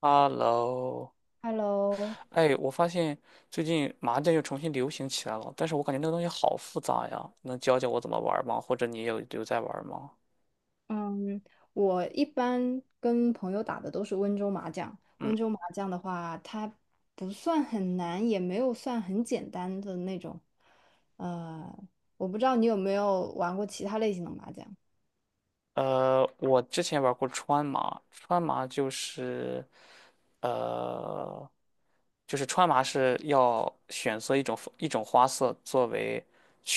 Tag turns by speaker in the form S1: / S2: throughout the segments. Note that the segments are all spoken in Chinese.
S1: Hello，
S2: Hello,
S1: 哎，我发现最近麻将又重新流行起来了，但是我感觉那个东西好复杂呀，能教教我怎么玩儿吗？或者你有在玩儿吗？
S2: 嗯，我一般跟朋友打的都是温州麻将。
S1: 嗯，
S2: 温州麻将的话，它不算很难，也没有算很简单的那种。呃，我不知道你有没有玩过其他类型的麻将。
S1: 我之前玩过川麻，川麻呃，就是川麻是要选择一种花色作为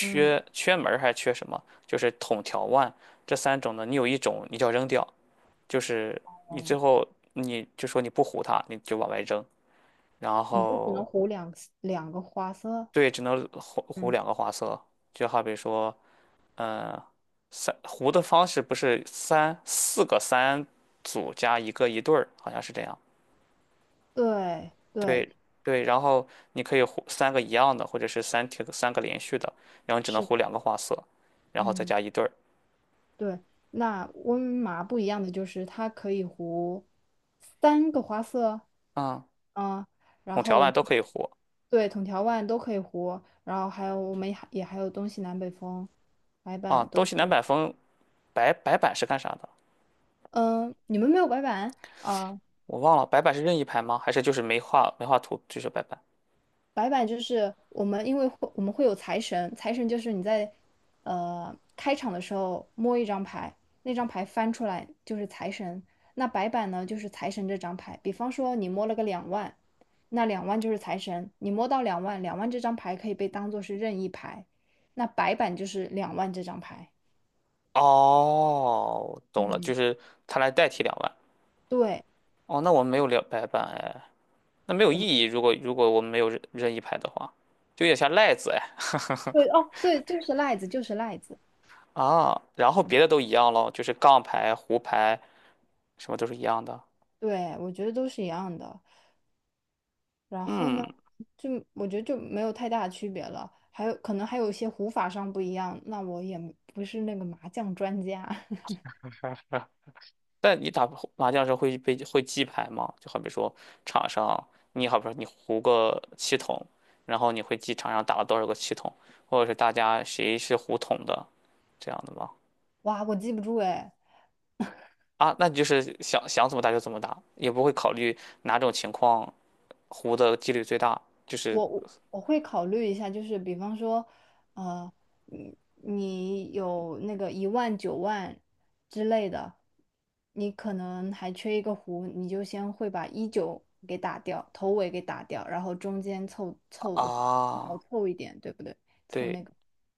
S2: 嗯，
S1: 缺门儿还是缺什么，就是筒条腕这三种呢，你有一种你就要扔掉，就是你最
S2: 哦，
S1: 后你就说你不胡它，你就往外扔。然
S2: 你就只能
S1: 后
S2: 胡两个花色。
S1: 对，只能糊两
S2: 嗯，
S1: 个花色，就好比说，嗯，三糊的方式不是三四个三组加一个一对儿，好像是这样。
S2: 对对，
S1: 对对，然后你可以糊三个一样的，或者是三条三个连续的，然后你只能
S2: 是
S1: 糊
S2: 的。
S1: 两个花色，然后再
S2: 嗯。
S1: 加一对儿。
S2: 对，那温麻不一样的就是它可以糊三个花色。
S1: 啊、
S2: 嗯，然
S1: 孔条
S2: 后我
S1: 碗
S2: 们
S1: 都可以糊
S2: 对筒条腕都可以糊，然后还有我们也还有东西南北风，白
S1: 啊。
S2: 板
S1: 东
S2: 都可
S1: 西南
S2: 以。
S1: 北风白板是干啥的？
S2: 嗯，你们没有白板？啊，
S1: 我忘了，白板是任意牌吗？还是就是没画图就是白板？
S2: 白板就是我们，因为我们会有财神，财神就是你在开场的时候摸一张牌，那张牌翻出来就是财神。那白板呢，就是财神这张牌。比方说你摸了个两万，那两万就是财神。你摸到两万，两万这张牌可以被当做是任意牌，那白板就是两万这张牌。
S1: 哦，懂了，
S2: 嗯，
S1: 就是他来代替两万。
S2: 对，
S1: 哦，那我们没有两白板哎，那没有意
S2: 我们
S1: 义。如果我们没有任意牌的话，就有点像赖子哎。
S2: 对哦，对，就是赖子，就是赖子。
S1: 啊，然后别的都一样咯，就是杠牌、胡牌什么都是一样的。
S2: 对，我觉得都是一样的。然后呢，
S1: 嗯，
S2: 就我觉得就没有太大的区别了，还有可能还有一些胡法上不一样，那我也不是那个麻将专家。
S1: 啊但你打麻将的时候会记牌吗？就好比说场上，你好比说你胡个七筒，然后你会记场上打了多少个七筒，或者是大家谁是胡筒的，这样的吗？
S2: 哇，我记不住哎。
S1: 啊，那你就是想想怎么打就怎么打，也不会考虑哪种情况胡的几率最大，就是
S2: 我会考虑一下，就是比方说，呃，你有那个一万九万之类的，你可能还缺一个胡，你就先会把一九给打掉，头尾给打掉，然后中间凑凑的话，少
S1: 啊，
S2: 凑一点，对不对？凑
S1: 对，
S2: 那个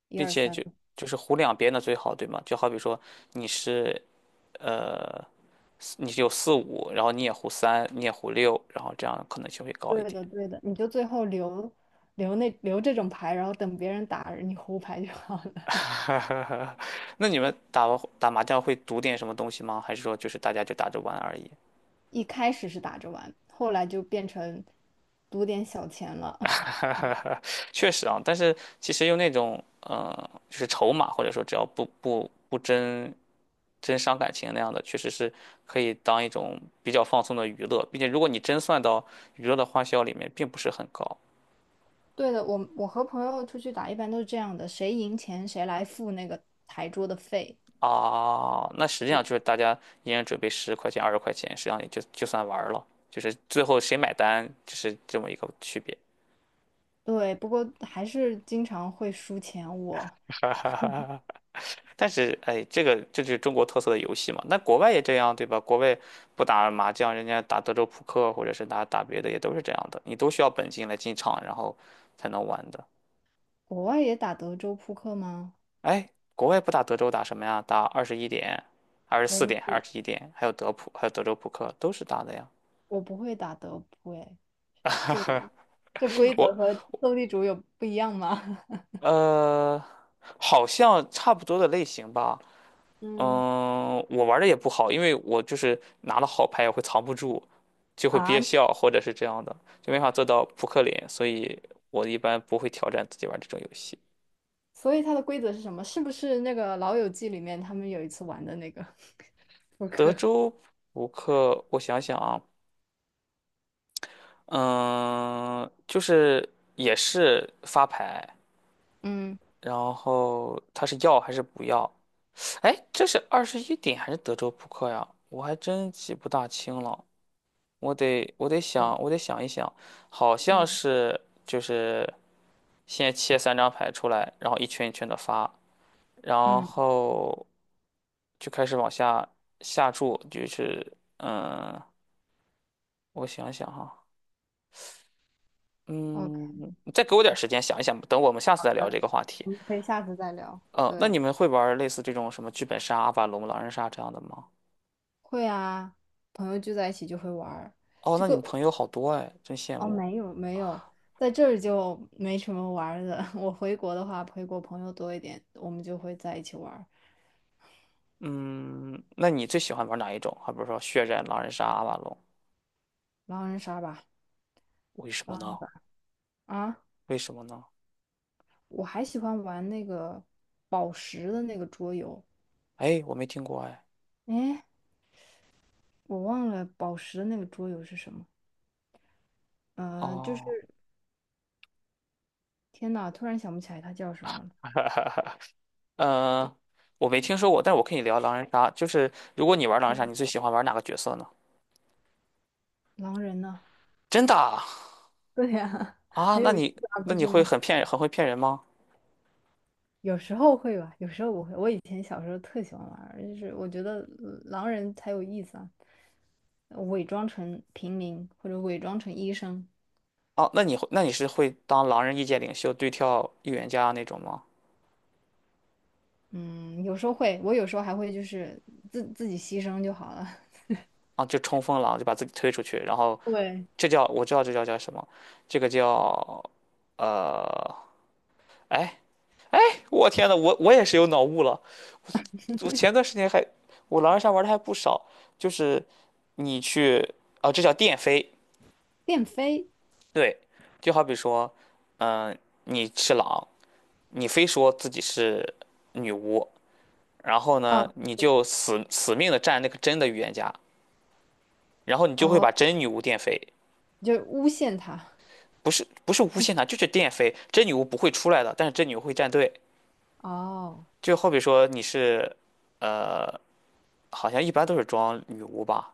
S2: 一
S1: 并
S2: 二
S1: 且
S2: 三。
S1: 就是胡两边的最好，对吗？就好比说你是呃你是有四五，然后你也胡三，你也胡六，然后这样可能性会高一
S2: 对
S1: 点。
S2: 的，对的，你就最后留这种牌，然后等别人打你胡牌就好了。
S1: 那你们打麻将会赌点什么东西吗？还是说就是大家就打着玩而已？
S2: 一开始是打着玩，后来就变成赌点小钱了。
S1: 确实啊，但是其实用那种就是筹码或者说只要不真伤感情那样的，确实是可以当一种比较放松的娱乐，并且如果你真算到娱乐的花销里面，并不是很高。
S2: 对的，我和朋友出去打，一般都是这样的，谁赢钱谁来付那个台桌的费。
S1: 啊，那实际上就是大家一人准备十块钱、20块钱，实际上也就算玩儿了，就是最后谁买单，就是这么一个区别。
S2: 对，不过还是经常会输钱。我
S1: 但是，哎，这就是中国特色的游戏嘛。那国外也这样，对吧？国外不打麻将，人家打德州扑克，或者是打打别的，也都是这样的。你都需要本金来进场，然后才能玩的。
S2: 国外也打德州扑克吗？
S1: 哎，国外不打德州，打什么呀？打二十一点、二十
S2: 我
S1: 四
S2: 不
S1: 点、二
S2: 知
S1: 十一点，还有德普，还有德州扑克，都是打的呀。
S2: 我不会打德扑，哎，这个这规 则
S1: 我
S2: 和斗地主有不一样吗？
S1: 呃，好像差不多的类型吧。
S2: 嗯。
S1: 嗯，我玩的也不好，因为我就是拿了好牌也会藏不住，就会憋
S2: 啊，
S1: 笑或者是这样的，就没法做到扑克脸，所以我一般不会挑战自己玩这种游戏。
S2: 所以它的规则是什么？是不是那个《老友记》里面他们有一次玩的那个 扑
S1: 德
S2: 克？
S1: 州扑克，我想想啊，嗯，就是也是发牌，
S2: 嗯
S1: 然后他是要还是不要？哎，这是二十一点还是德州扑克呀？我还真记不大清了。我得想，我得想一想，好像是就是先切三张牌出来，然后一圈一圈的发，然
S2: 嗯，
S1: 后就开始往下下注，就是嗯，我想想哈，
S2: OK,
S1: 嗯，你再给我点时间想一想，等我们下次再聊这个话题。
S2: 我们可以下次再聊。
S1: 嗯，那
S2: 对，
S1: 你们会玩类似这种什么剧本杀、阿瓦隆、狼人杀这样的吗？
S2: 会啊，朋友聚在一起就会玩儿。
S1: 哦，
S2: 这
S1: 那你们
S2: 个
S1: 朋友好多哎，真羡
S2: 哦，
S1: 慕。
S2: 没有没有，在这儿就没什么玩儿的。我回国的话，回国朋友多一点，我们就会在一起玩儿
S1: 嗯，那你最喜欢玩哪一种？还比如说血战、狼人杀、阿瓦隆？
S2: 狼人杀吧。
S1: 为什么
S2: 狼
S1: 呢？
S2: 啊，
S1: 为什么呢？
S2: 我还喜欢玩那个宝石的那个桌游。
S1: 哎，我没听过哎。
S2: 哎，我忘了宝石的那个桌游是什么。呃，就是。
S1: 哦，
S2: 天呐，突然想不起来他叫什么了。
S1: 呃，我没听说过，但我可以聊狼人杀，就是如果你玩狼人杀，你最喜欢玩哪个角色呢？
S2: 狼人呢？
S1: 真的啊？
S2: 对呀。
S1: 啊
S2: 很有意思啊，
S1: 那
S2: 不
S1: 你
S2: 是
S1: 会
S2: 吗？
S1: 很会骗人吗？
S2: 有时候会吧，有时候不会。我以前小时候特喜欢玩儿，就是我觉得狼人才有意思啊，伪装成平民或者伪装成医生。
S1: 哦，那那你是会当狼人意见领袖对跳预言家那种吗？
S2: 嗯，有时候会，我有时候还会就是自己牺牲就好了。
S1: 啊，就冲锋狼，就把自己推出去，然后
S2: 对，
S1: 我知道这叫什么，这个叫呃，哎。我天呐，我也是有脑雾了。我前段时间还，我狼人杀玩的还不少，就是你去，啊，这叫电飞，
S2: 电飞
S1: 对，就好比说，嗯、你是狼，你非说自己是女巫，然后
S2: 啊，
S1: 呢，你就死死命的站那个真的预言家，然后你就会
S2: 哦，
S1: 把真女巫电飞，
S2: 就诬陷他，
S1: 不是不是无限塔，就是电飞，真女巫不会出来的，但是真女巫会站队，
S2: 哦，
S1: 就好比说你是，呃，好像一般都是装女巫吧。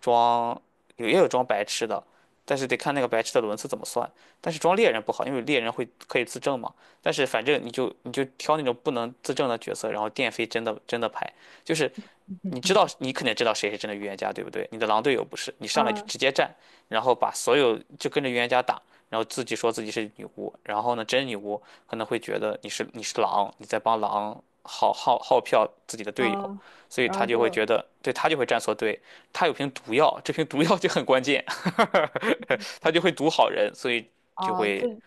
S1: 装有也有装白痴的，但是得看那个白痴的轮次怎么算。但是装猎人不好，因为猎人可以自证嘛。但是反正你就挑那种不能自证的角色，然后电飞真的牌，就是你知道，你肯定知道谁是真的预言家，对不对？你的狼队友不是，你上来就
S2: 嗯
S1: 直接站，然后把所有就跟着预言家打，然后自己说自己是女巫，然后呢，真女巫可能会觉得你是狼，你在帮狼耗票自己的队友，
S2: 嗯，
S1: 所以
S2: 然
S1: 他
S2: 后
S1: 就会
S2: 就
S1: 觉得，对他就会站错队，他有瓶毒药，这瓶毒药就很关键，他就会毒好人，所以就
S2: 哦，
S1: 会
S2: 对，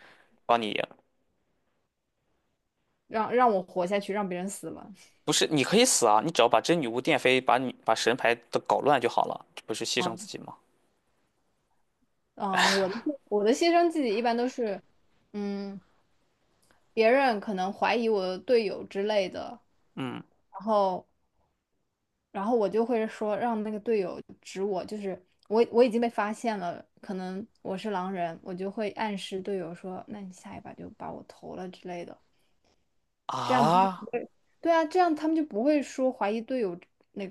S1: 帮你赢。
S2: 让让我活下去，让别人死了。
S1: 不是，你可以死啊，你只要把真女巫电飞，把神牌都搞乱就好了，这不是牺牲
S2: 啊，
S1: 自己吗？
S2: 啊，我的牺牲自己一般都是，嗯，别人可能怀疑我的队友之类的，
S1: 嗯。
S2: 然后然后我就会说让那个队友指我，就是我已经被发现了，可能我是狼人，我就会暗示队友说，那你下一把就把我投了之类的，这样子他们不
S1: 啊，
S2: 会，对啊，这样他们就不会说怀疑队友。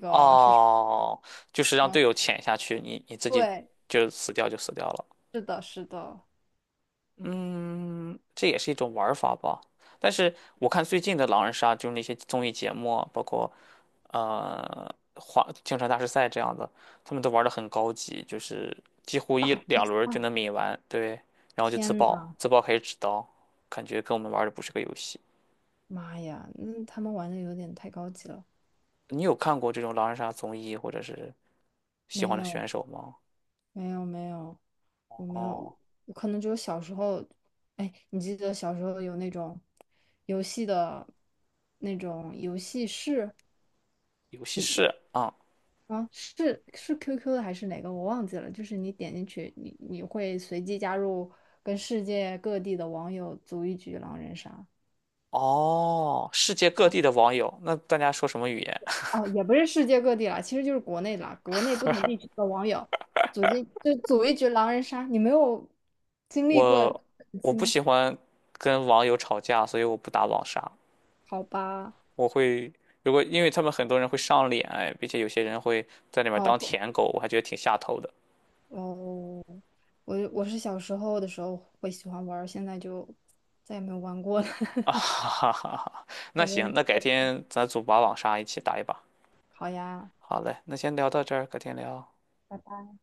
S1: 哦，就是让
S2: 嗯，
S1: 队友潜下去，你自己
S2: 对，
S1: 就死掉就死掉了。
S2: 是的，是的。
S1: 嗯，这也是一种玩儿法吧。但是我看最近的狼人杀，就是那些综艺节目啊包括花京城大师赛这样的，他们都玩的很高级，就是几乎一
S2: 大
S1: 两轮儿就能抿完，对，然后就自
S2: 天
S1: 爆，
S2: 呐，
S1: 自爆可以指刀，感觉跟我们玩儿的不是个游戏。
S2: 妈呀，那他们玩的有点太高级了。
S1: 你有看过这种狼人杀综艺或者是喜欢
S2: 没
S1: 的
S2: 有，
S1: 选手吗？
S2: 没有，没有，我没有。
S1: 哦，
S2: 我可能只有小时候，哎，你记得小时候有那种游戏的那种游戏室，
S1: 游戏
S2: 嗯，
S1: 室啊。
S2: 啊，是 QQ 的还是哪个我忘记了，就是你点进去，你会随机加入跟世界各地的网友组一局狼人杀。
S1: 哦，世界各地的网友，那大家说什么语言？
S2: 哦，也不是世界各地啦，其实就是国内啦，国内不同地区的网友就组一局狼人杀，你没有 经历过这
S1: 我
S2: 种时
S1: 我
S2: 期
S1: 不
S2: 吗？
S1: 喜欢跟网友吵架，所以我不打网杀。
S2: 好吧，
S1: 我会如果因为他们很多人会上脸，哎，并且有些人会在里面当
S2: 哦
S1: 舔狗，我还觉得挺下头的。
S2: 哦，我我是小时候的时候会喜欢玩儿，现在就再也没有玩过了。
S1: 啊 哈哈哈哈！那
S2: 再没
S1: 行，
S2: 人
S1: 那改
S2: 说狗
S1: 天咱组把网杀一起打一把。
S2: 好呀，
S1: 好嘞，那先聊到这儿，改天聊。
S2: 拜拜。